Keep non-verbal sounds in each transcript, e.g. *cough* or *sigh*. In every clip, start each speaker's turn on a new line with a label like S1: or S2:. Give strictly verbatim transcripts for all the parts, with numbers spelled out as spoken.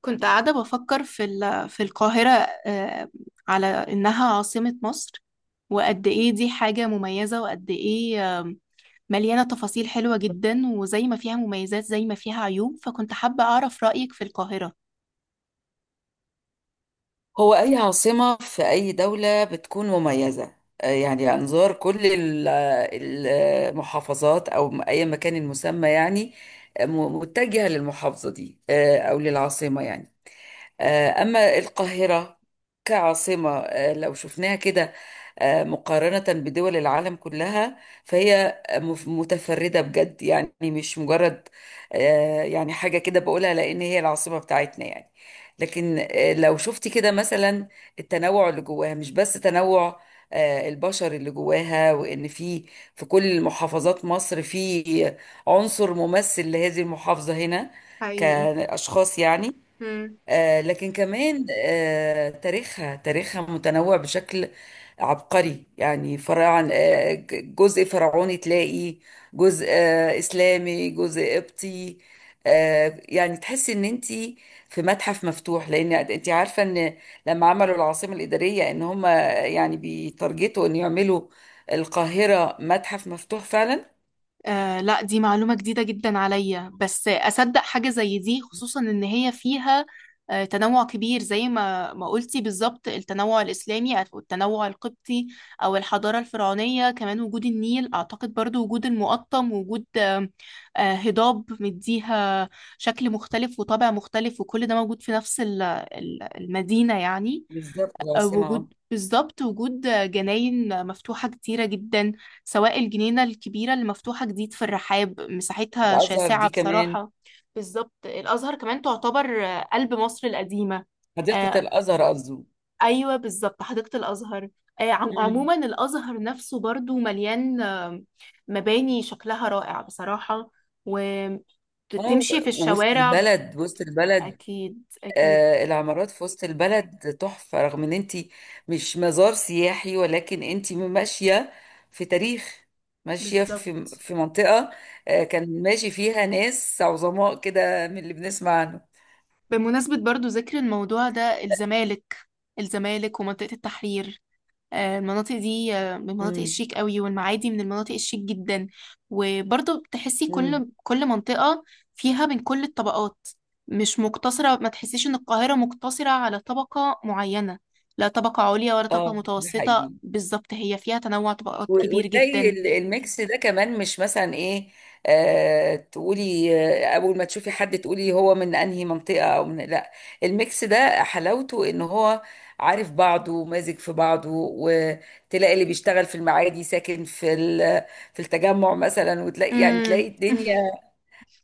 S1: كنت قاعدة بفكر في ال- في القاهرة. آه، على إنها عاصمة مصر، وقد إيه دي حاجة مميزة، وقد إيه آم، مليانة تفاصيل حلوة جدا، وزي ما فيها مميزات زي ما فيها عيوب، فكنت حابة أعرف رأيك في القاهرة.
S2: هو أي عاصمة في أي دولة بتكون مميزة. آه، يعني أنظار كل ال- آه، المحافظات، أو م- أي مكان المسمى يعني، آه، م- متجهة للمحافظة دي، آه، أو للعاصمة يعني. آه، أما القاهرة كعاصمة، آه، لو شفناها كده، آه، مقارنة بدول العالم كلها، فهي مف- متفردة بجد يعني، مش مجرد آه، يعني حاجة كده بقولها لأن هي العاصمة بتاعتنا يعني. لكن آه، لو شفتي كده مثلا، التنوع اللي جواها مش بس تنوع آه، البشر اللي جواها، وإن في في كل محافظات مصر في عنصر ممثل لهذه المحافظة هنا
S1: حقيقي.
S2: كأشخاص يعني.
S1: مم.
S2: آه، لكن كمان آه، تاريخها تاريخها متنوع بشكل عبقري يعني. فرعا آه، ج- جزء فرعوني، تلاقي جزء آه، إسلامي، جزء قبطي. آه، يعني تحسي ان انت في متحف مفتوح، لان انت عارفه ان لما عملوا العاصمه الاداريه، ان هم يعني بيتارجتوا ان يعملوا القاهره متحف مفتوح فعلا.
S1: آه، لا، دي معلومة جديدة جدا عليا، بس أصدق حاجة زي دي، خصوصا إن هي فيها آه تنوع كبير زي ما ما قلتي بالظبط، التنوع الإسلامي أو التنوع القبطي أو الحضارة الفرعونية كمان، وجود النيل أعتقد، برضو وجود المقطم، وجود آه آه، هضاب مديها شكل مختلف وطابع مختلف، وكل ده موجود في نفس ال- ال- المدينة يعني.
S2: بالظبط العاصمه آه.
S1: وجود بالظبط وجود جناين مفتوحة كتيرة جدا، سواء الجنينة الكبيرة اللي مفتوحة جديد في الرحاب، مساحتها
S2: الازهر
S1: شاسعة
S2: دي كمان.
S1: بصراحة. بالظبط، الأزهر كمان تعتبر قلب مصر القديمة. آه،
S2: حديقه الازهر قصدي.
S1: أيوة بالظبط، حديقة الأزهر. آه، عم- عموما الأزهر نفسه برضو مليان آه، مباني شكلها رائع بصراحة،
S2: اه،
S1: وتمشي في
S2: و- وسط
S1: الشوارع.
S2: البلد وسط البلد.
S1: أكيد أكيد،
S2: آه العمارات في وسط البلد تحفة، رغم ان انت مش مزار سياحي، ولكن انت ماشية في تاريخ، ماشية في
S1: بالظبط.
S2: في منطقة. آه كان ماشي فيها ناس عظماء كده من اللي بنسمع عنه.
S1: بمناسبة برضو ذكر الموضوع ده، الزمالك الزمالك ومنطقة التحرير، آه، المناطق دي آه، من المناطق
S2: امم.
S1: الشيك قوي، والمعادي من المناطق الشيك جدا. وبرضو بتحسي
S2: امم.
S1: كل كل منطقة فيها من كل الطبقات، مش مقتصرة، ما تحسيش ان القاهرة مقتصرة على طبقة معينة، لا طبقة عليا ولا طبقة
S2: اه، ده
S1: متوسطة،
S2: حقيقي.
S1: بالظبط هي فيها تنوع طبقات
S2: و-
S1: كبير
S2: وتلاقي
S1: جدا.
S2: ال- الميكس ده كمان، مش مثلا ايه؟ آه تقولي، آه اول ما تشوفي حد تقولي هو من انهي منطقة او من، لا. الميكس ده حلاوته ان هو عارف بعضه ومازج في بعضه، وتلاقي اللي بيشتغل في المعادي ساكن في ال- في التجمع مثلا، وتلاقي يعني تلاقي
S1: مم. *laughs*
S2: الدنيا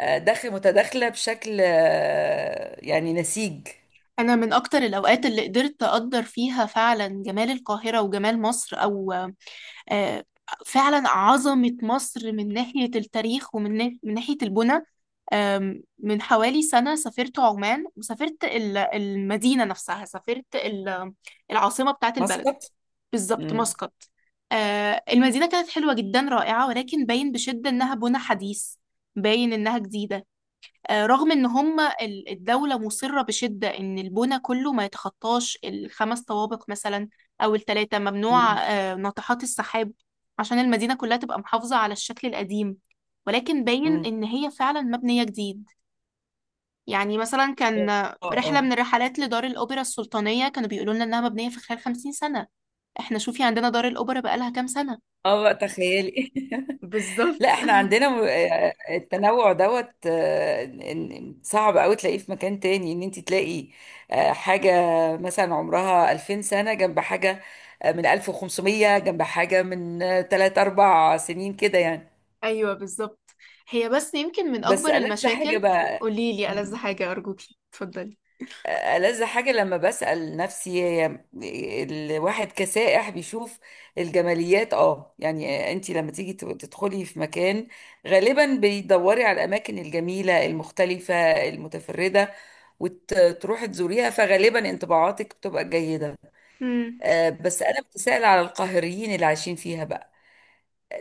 S2: آه، داخل متداخلة بشكل آه، يعني نسيج.
S1: انا من اكتر الاوقات اللي قدرت اقدر فيها فعلا جمال القاهره وجمال مصر، او آه، فعلا عظمة مصر من ناحية التاريخ ومن نا- من ناحية البنى، آم، من حوالي سنة سافرت عمان، وسافرت ال- المدينة نفسها، سافرت ال- العاصمة بتاعت البلد.
S2: مسقط.
S1: بالظبط،
S2: امم.
S1: مسقط. آه، المدينة كانت حلوة جدا، رائعة، ولكن باين بشدة إنها بنى حديث، باين إنها جديدة. آه، رغم ان هم ال- الدولة مصرة بشدة ان البنى كله ما يتخطاش الخمس طوابق مثلا، او التلاتة، ممنوع آه، ناطحات السحاب، عشان المدينة كلها تبقى محافظة على الشكل القديم، ولكن باين
S2: امم.
S1: ان هي فعلا مبنية جديد. يعني مثلا كان آه،
S2: اه.
S1: رحلة
S2: اه.
S1: من الرحلات لدار الأوبرا السلطانية، كانوا بيقولوا لنا انها مبنية في خلال خمسين سنة. احنا شوفي عندنا دار الأوبرا بقالها كام سنة.
S2: اه، بقى تخيلي *laughs*
S1: بالظبط
S2: لا،
S1: *laughs*
S2: احنا عندنا م- آه، التنوع دوت، آه، إن- إن صعب قوي تلاقيه في مكان تاني، ان انت تلاقي آه، حاجة مثلا عمرها ألفين سنة، جنب حاجة آه، من ألف وخمسمية، جنب حاجة من تلات أربع سنين كده يعني.
S1: ايوه بالظبط، هي بس يمكن من اكبر
S2: بس ألذ حاجة
S1: المشاكل.
S2: بقى.
S1: قوليلي ألذ حاجة، أرجوكي اتفضلي.
S2: ألذ حاجة لما بسأل نفسي، هي الواحد كسائح بيشوف الجماليات. اه يعني، انت لما تيجي تدخلي في مكان، غالبا بيدوري على الأماكن الجميلة المختلفة المتفردة، وتروحي تزوريها، فغالبا انطباعاتك بتبقى جيدة.
S1: امم.
S2: آه، بس أنا بتسأل على القاهريين اللي عايشين فيها بقى،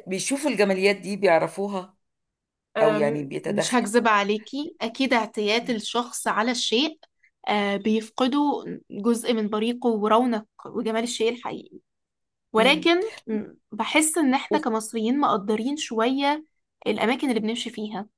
S2: بيشوفوا الجماليات دي؟ بيعرفوها؟ أو يعني
S1: أم، مش هكذب عليكي، أكيد اعتياد
S2: بيتدخلوا؟
S1: الشخص على الشيء آه، بيفقده جزء من بريقه ورونق وجمال الشيء الحقيقي، ولكن، م، بحس إن إحنا كمصريين مقدرين شوية الأماكن اللي بنمشي فيها.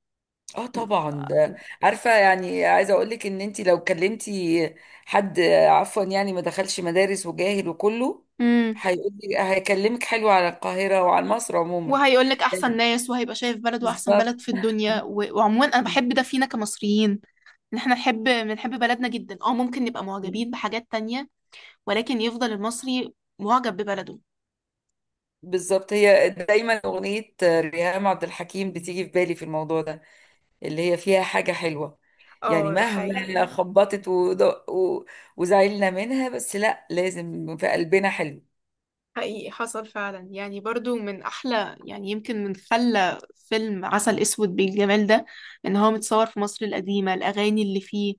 S2: اه طبعا ده، عارفه يعني، عايزه اقول لك ان انت لو كلمتي حد عفوا يعني ما دخلش مدارس وجاهل وكله،
S1: امم.
S2: هيقول لي، هيكلمك حلو على القاهره وعلى مصر عموما
S1: وهيقولك أحسن
S2: يعني.
S1: ناس، وهيبقى شايف بلده أحسن
S2: بالظبط.
S1: بلد في الدنيا، و- وعموما أنا بحب ده فينا كمصريين، ان احنا نحب، بنحب بلدنا جدا. اه، ممكن نبقى معجبين بحاجات تانية، ولكن يفضل المصري معجب ببلده.
S2: بالظبط، هي دايما اغنيه ريهام عبد الحكيم بتيجي في بالي في الموضوع ده، اللي هي فيها حاجه حلوه يعني،
S1: اه، ده
S2: مهما
S1: حقيقي.
S2: خبطت ودق- و- وزعلنا منها، بس لا، لازم في قلبنا حلو.
S1: حقيقي، حصل فعلا يعني، برضو من احلى يعني، يمكن من خلى فيلم عسل اسود بالجمال ده، ان هو متصور في مصر القديمة، الاغاني اللي فيه،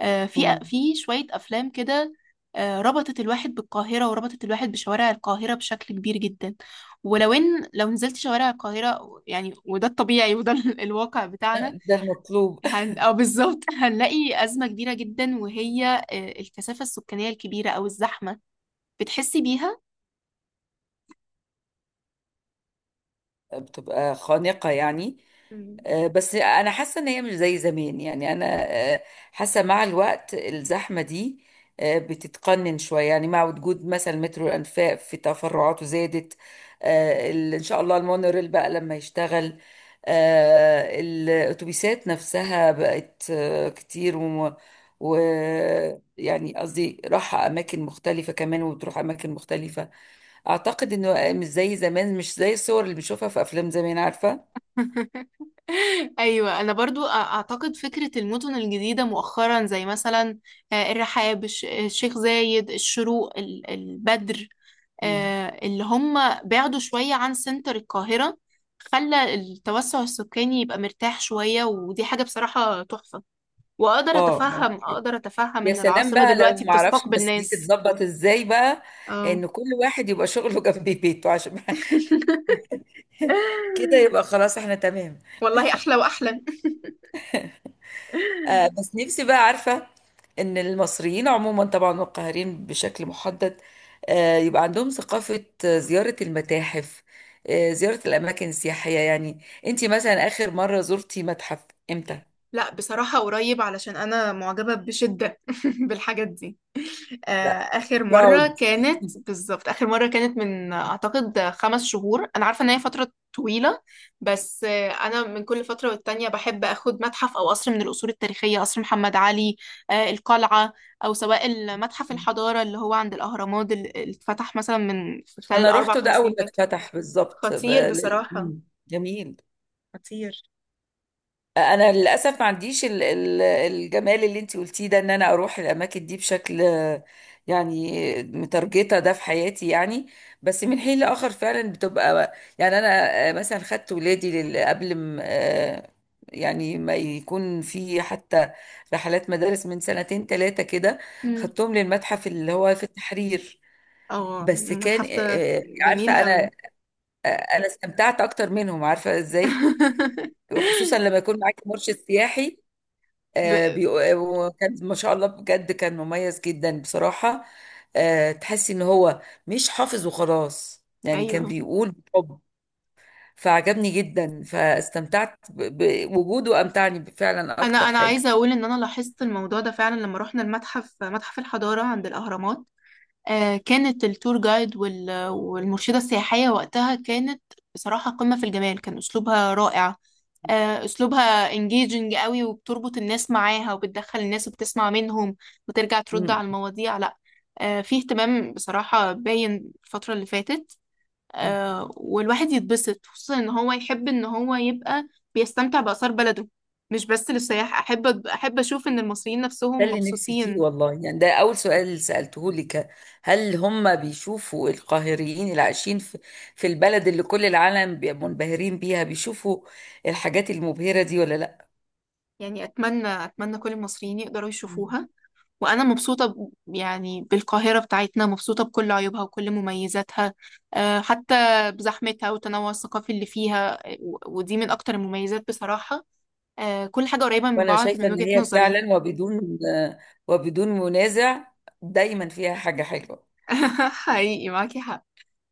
S1: آه، في
S2: مم.
S1: في شوية افلام كده آه، ربطت الواحد بالقاهرة، وربطت الواحد بشوارع القاهرة بشكل كبير جدا. ولو ان لو نزلت شوارع القاهرة يعني، وده الطبيعي، وده *laughs* ال- الواقع بتاعنا.
S2: ده المطلوب.
S1: هن... أو بالظبط *laughs* هنلاقي أزمة كبيرة جدا، وهي آه، الكثافة السكانية الكبيرة، أو الزحمة، بتحسي بيها؟
S2: بتبقى خانقة يعني.
S1: مم.
S2: آه، بس انا حاسه ان هي مش زي زمان يعني، انا آه، حاسه مع الوقت الزحمه دي آه، بتتقنن شويه يعني، مع وجود مثلا مترو الانفاق في تفرعاته زادت. آه، ال- ان شاء الله المونوريل بقى لما يشتغل. آه، الاتوبيسات نفسها بقت آه، كتير، و و- يعني قصدي راحة أماكن مختلفة كمان، وبتروح أماكن مختلفة. اعتقد انه مش زي زمان، مش زي الصور اللي بنشوفها في افلام زمان عارفه.
S1: *laughs* أيوة، أنا برضو أ- أعتقد فكرة المدن الجديدة مؤخرا، زي مثلا آه، الرحاب، الش- الشيخ زايد، الشروق، ال- البدر،
S2: مم.
S1: آه، اللي هم بعدوا شوية عن سنتر القاهرة، خلى التوسع السكاني يبقى مرتاح شوية، ودي حاجة بصراحة تحفة. واقدر
S2: اه،
S1: اتفهم اقدر اتفهم
S2: يا
S1: ان
S2: سلام
S1: العاصمة
S2: بقى، لو
S1: دلوقتي
S2: ما اعرفش
S1: بتستقبل
S2: بس دي
S1: ناس.
S2: تتظبط ازاي بقى،
S1: اه
S2: ان كل واحد يبقى شغله *laughs* جنب بيته عشان *laughs*
S1: *laughs*
S2: كده، يبقى خلاص احنا تمام.
S1: والله احلى واحلى *laughs*
S2: آه بس نفسي بقى عارفه ان المصريين عموما طبعا، والقاهرين بشكل محدد آه يبقى عندهم ثقافه آه، زياره المتاحف، آه زياره الاماكن السياحيه يعني. انت مثلا اخر مره زرتي متحف امتى؟
S1: لا، بصراحة قريب، علشان انا معجبة بشدة *laughs* بالحاجات دي. آه،
S2: لا
S1: آخر مرة
S2: براود.
S1: كانت، بالظبط آخر مرة كانت من آه، أعتقد آه، خمس شهور، أنا عارفة إن هي فترة طويلة، بس آه، أنا من كل فترة والتانية بحب أخد متحف أو قصر من القصور التاريخية، قصر محمد علي، آه، القلعة، أو سواء المتحف الحضارة اللي هو عند الأهرامات، اللي اللي اتفتح مثلا من في خلال
S2: انا
S1: الأربع
S2: روحته ده
S1: خمس
S2: اول
S1: سنين
S2: ما
S1: فاتوا.
S2: اتفتح بالظبط، ب-
S1: خطير
S2: لل-
S1: بصراحة.
S2: مم. جميل. انا للاسف ما عنديش ال- ال- الجمال اللي انت قلتيه ده، ان انا اروح الاماكن دي بشكل آه، يعني مترجطه ده في حياتي يعني. بس من حين لاخر فعلا بتبقى، يعني انا آه، مثلا خدت ولادي لل- قبل ما آه، يعني ما يكون في حتى رحلات مدارس من سنتين ثلاثه كده،
S1: مم.
S2: خدتهم للمتحف اللي هو في التحرير.
S1: أو
S2: بس كان
S1: المتحف ده.
S2: آه، آه،
S1: جميل
S2: عارفه
S1: قوي
S2: انا، آه، انا استمتعت اكتر منهم، عارفه ازاي؟
S1: *laughs*
S2: خصوصا لما يكون معاكي مرشد سياحي،
S1: ب...
S2: آه، بيق- وكان ما شاء الله بجد كان مميز جدا بصراحه. آه، تحسي ان هو مش حافظ وخلاص يعني، كان
S1: أيوه،
S2: بيقول بحب. فعجبني جدا، فاستمتعت ب- بوجوده. امتعني فعلا
S1: انا
S2: اكتر
S1: انا
S2: حاجه.
S1: عايزه اقول ان انا لاحظت الموضوع ده فعلا لما رحنا المتحف، متحف الحضاره عند الاهرامات، آه، كانت التور جايد، وال- والمرشده السياحيه وقتها كانت بصراحه قمه في الجمال، كان اسلوبها رائع. آه، اسلوبها انجيجنج قوي، وبتربط الناس معاها، وبتدخل الناس، وبتسمع منهم، وترجع ترد
S2: مم.
S1: على المواضيع. لا، آه، في اهتمام بصراحه باين الفتره اللي فاتت، آه، والواحد يتبسط، خصوصا ان هو يحب ان هو يبقى بيستمتع بآثار بلده. مش بس للسياح، احب احب اشوف ان المصريين
S2: ده
S1: نفسهم
S2: اللي نفسي فيه
S1: مبسوطين.
S2: والله يعني، ده أول سؤال سألته لك، هل هم بيشوفوا؟ القاهريين اللي عايشين في, في البلد اللي كل العالم بي- منبهرين بيها، بيشوفوا الحاجات المبهرة دي ولا لا؟
S1: يعني اتمنى اتمنى كل المصريين يقدروا
S2: مم.
S1: يشوفوها. وانا مبسوطة ب- يعني بالقاهرة بتاعتنا، مبسوطة بكل عيوبها وكل مميزاتها، آه، حتى بزحمتها، والتنوع الثقافي اللي فيها، و- ودي من اكتر المميزات بصراحة. آه، كل حاجة قريبة من
S2: وأنا
S1: بعض
S2: شايفة
S1: من
S2: إن
S1: وجهة
S2: هي
S1: نظري.
S2: فعلا، وبدون وبدون منازع، دايما فيها حاجة حلوة.
S1: *laughs* حقيقي، معاكي حق.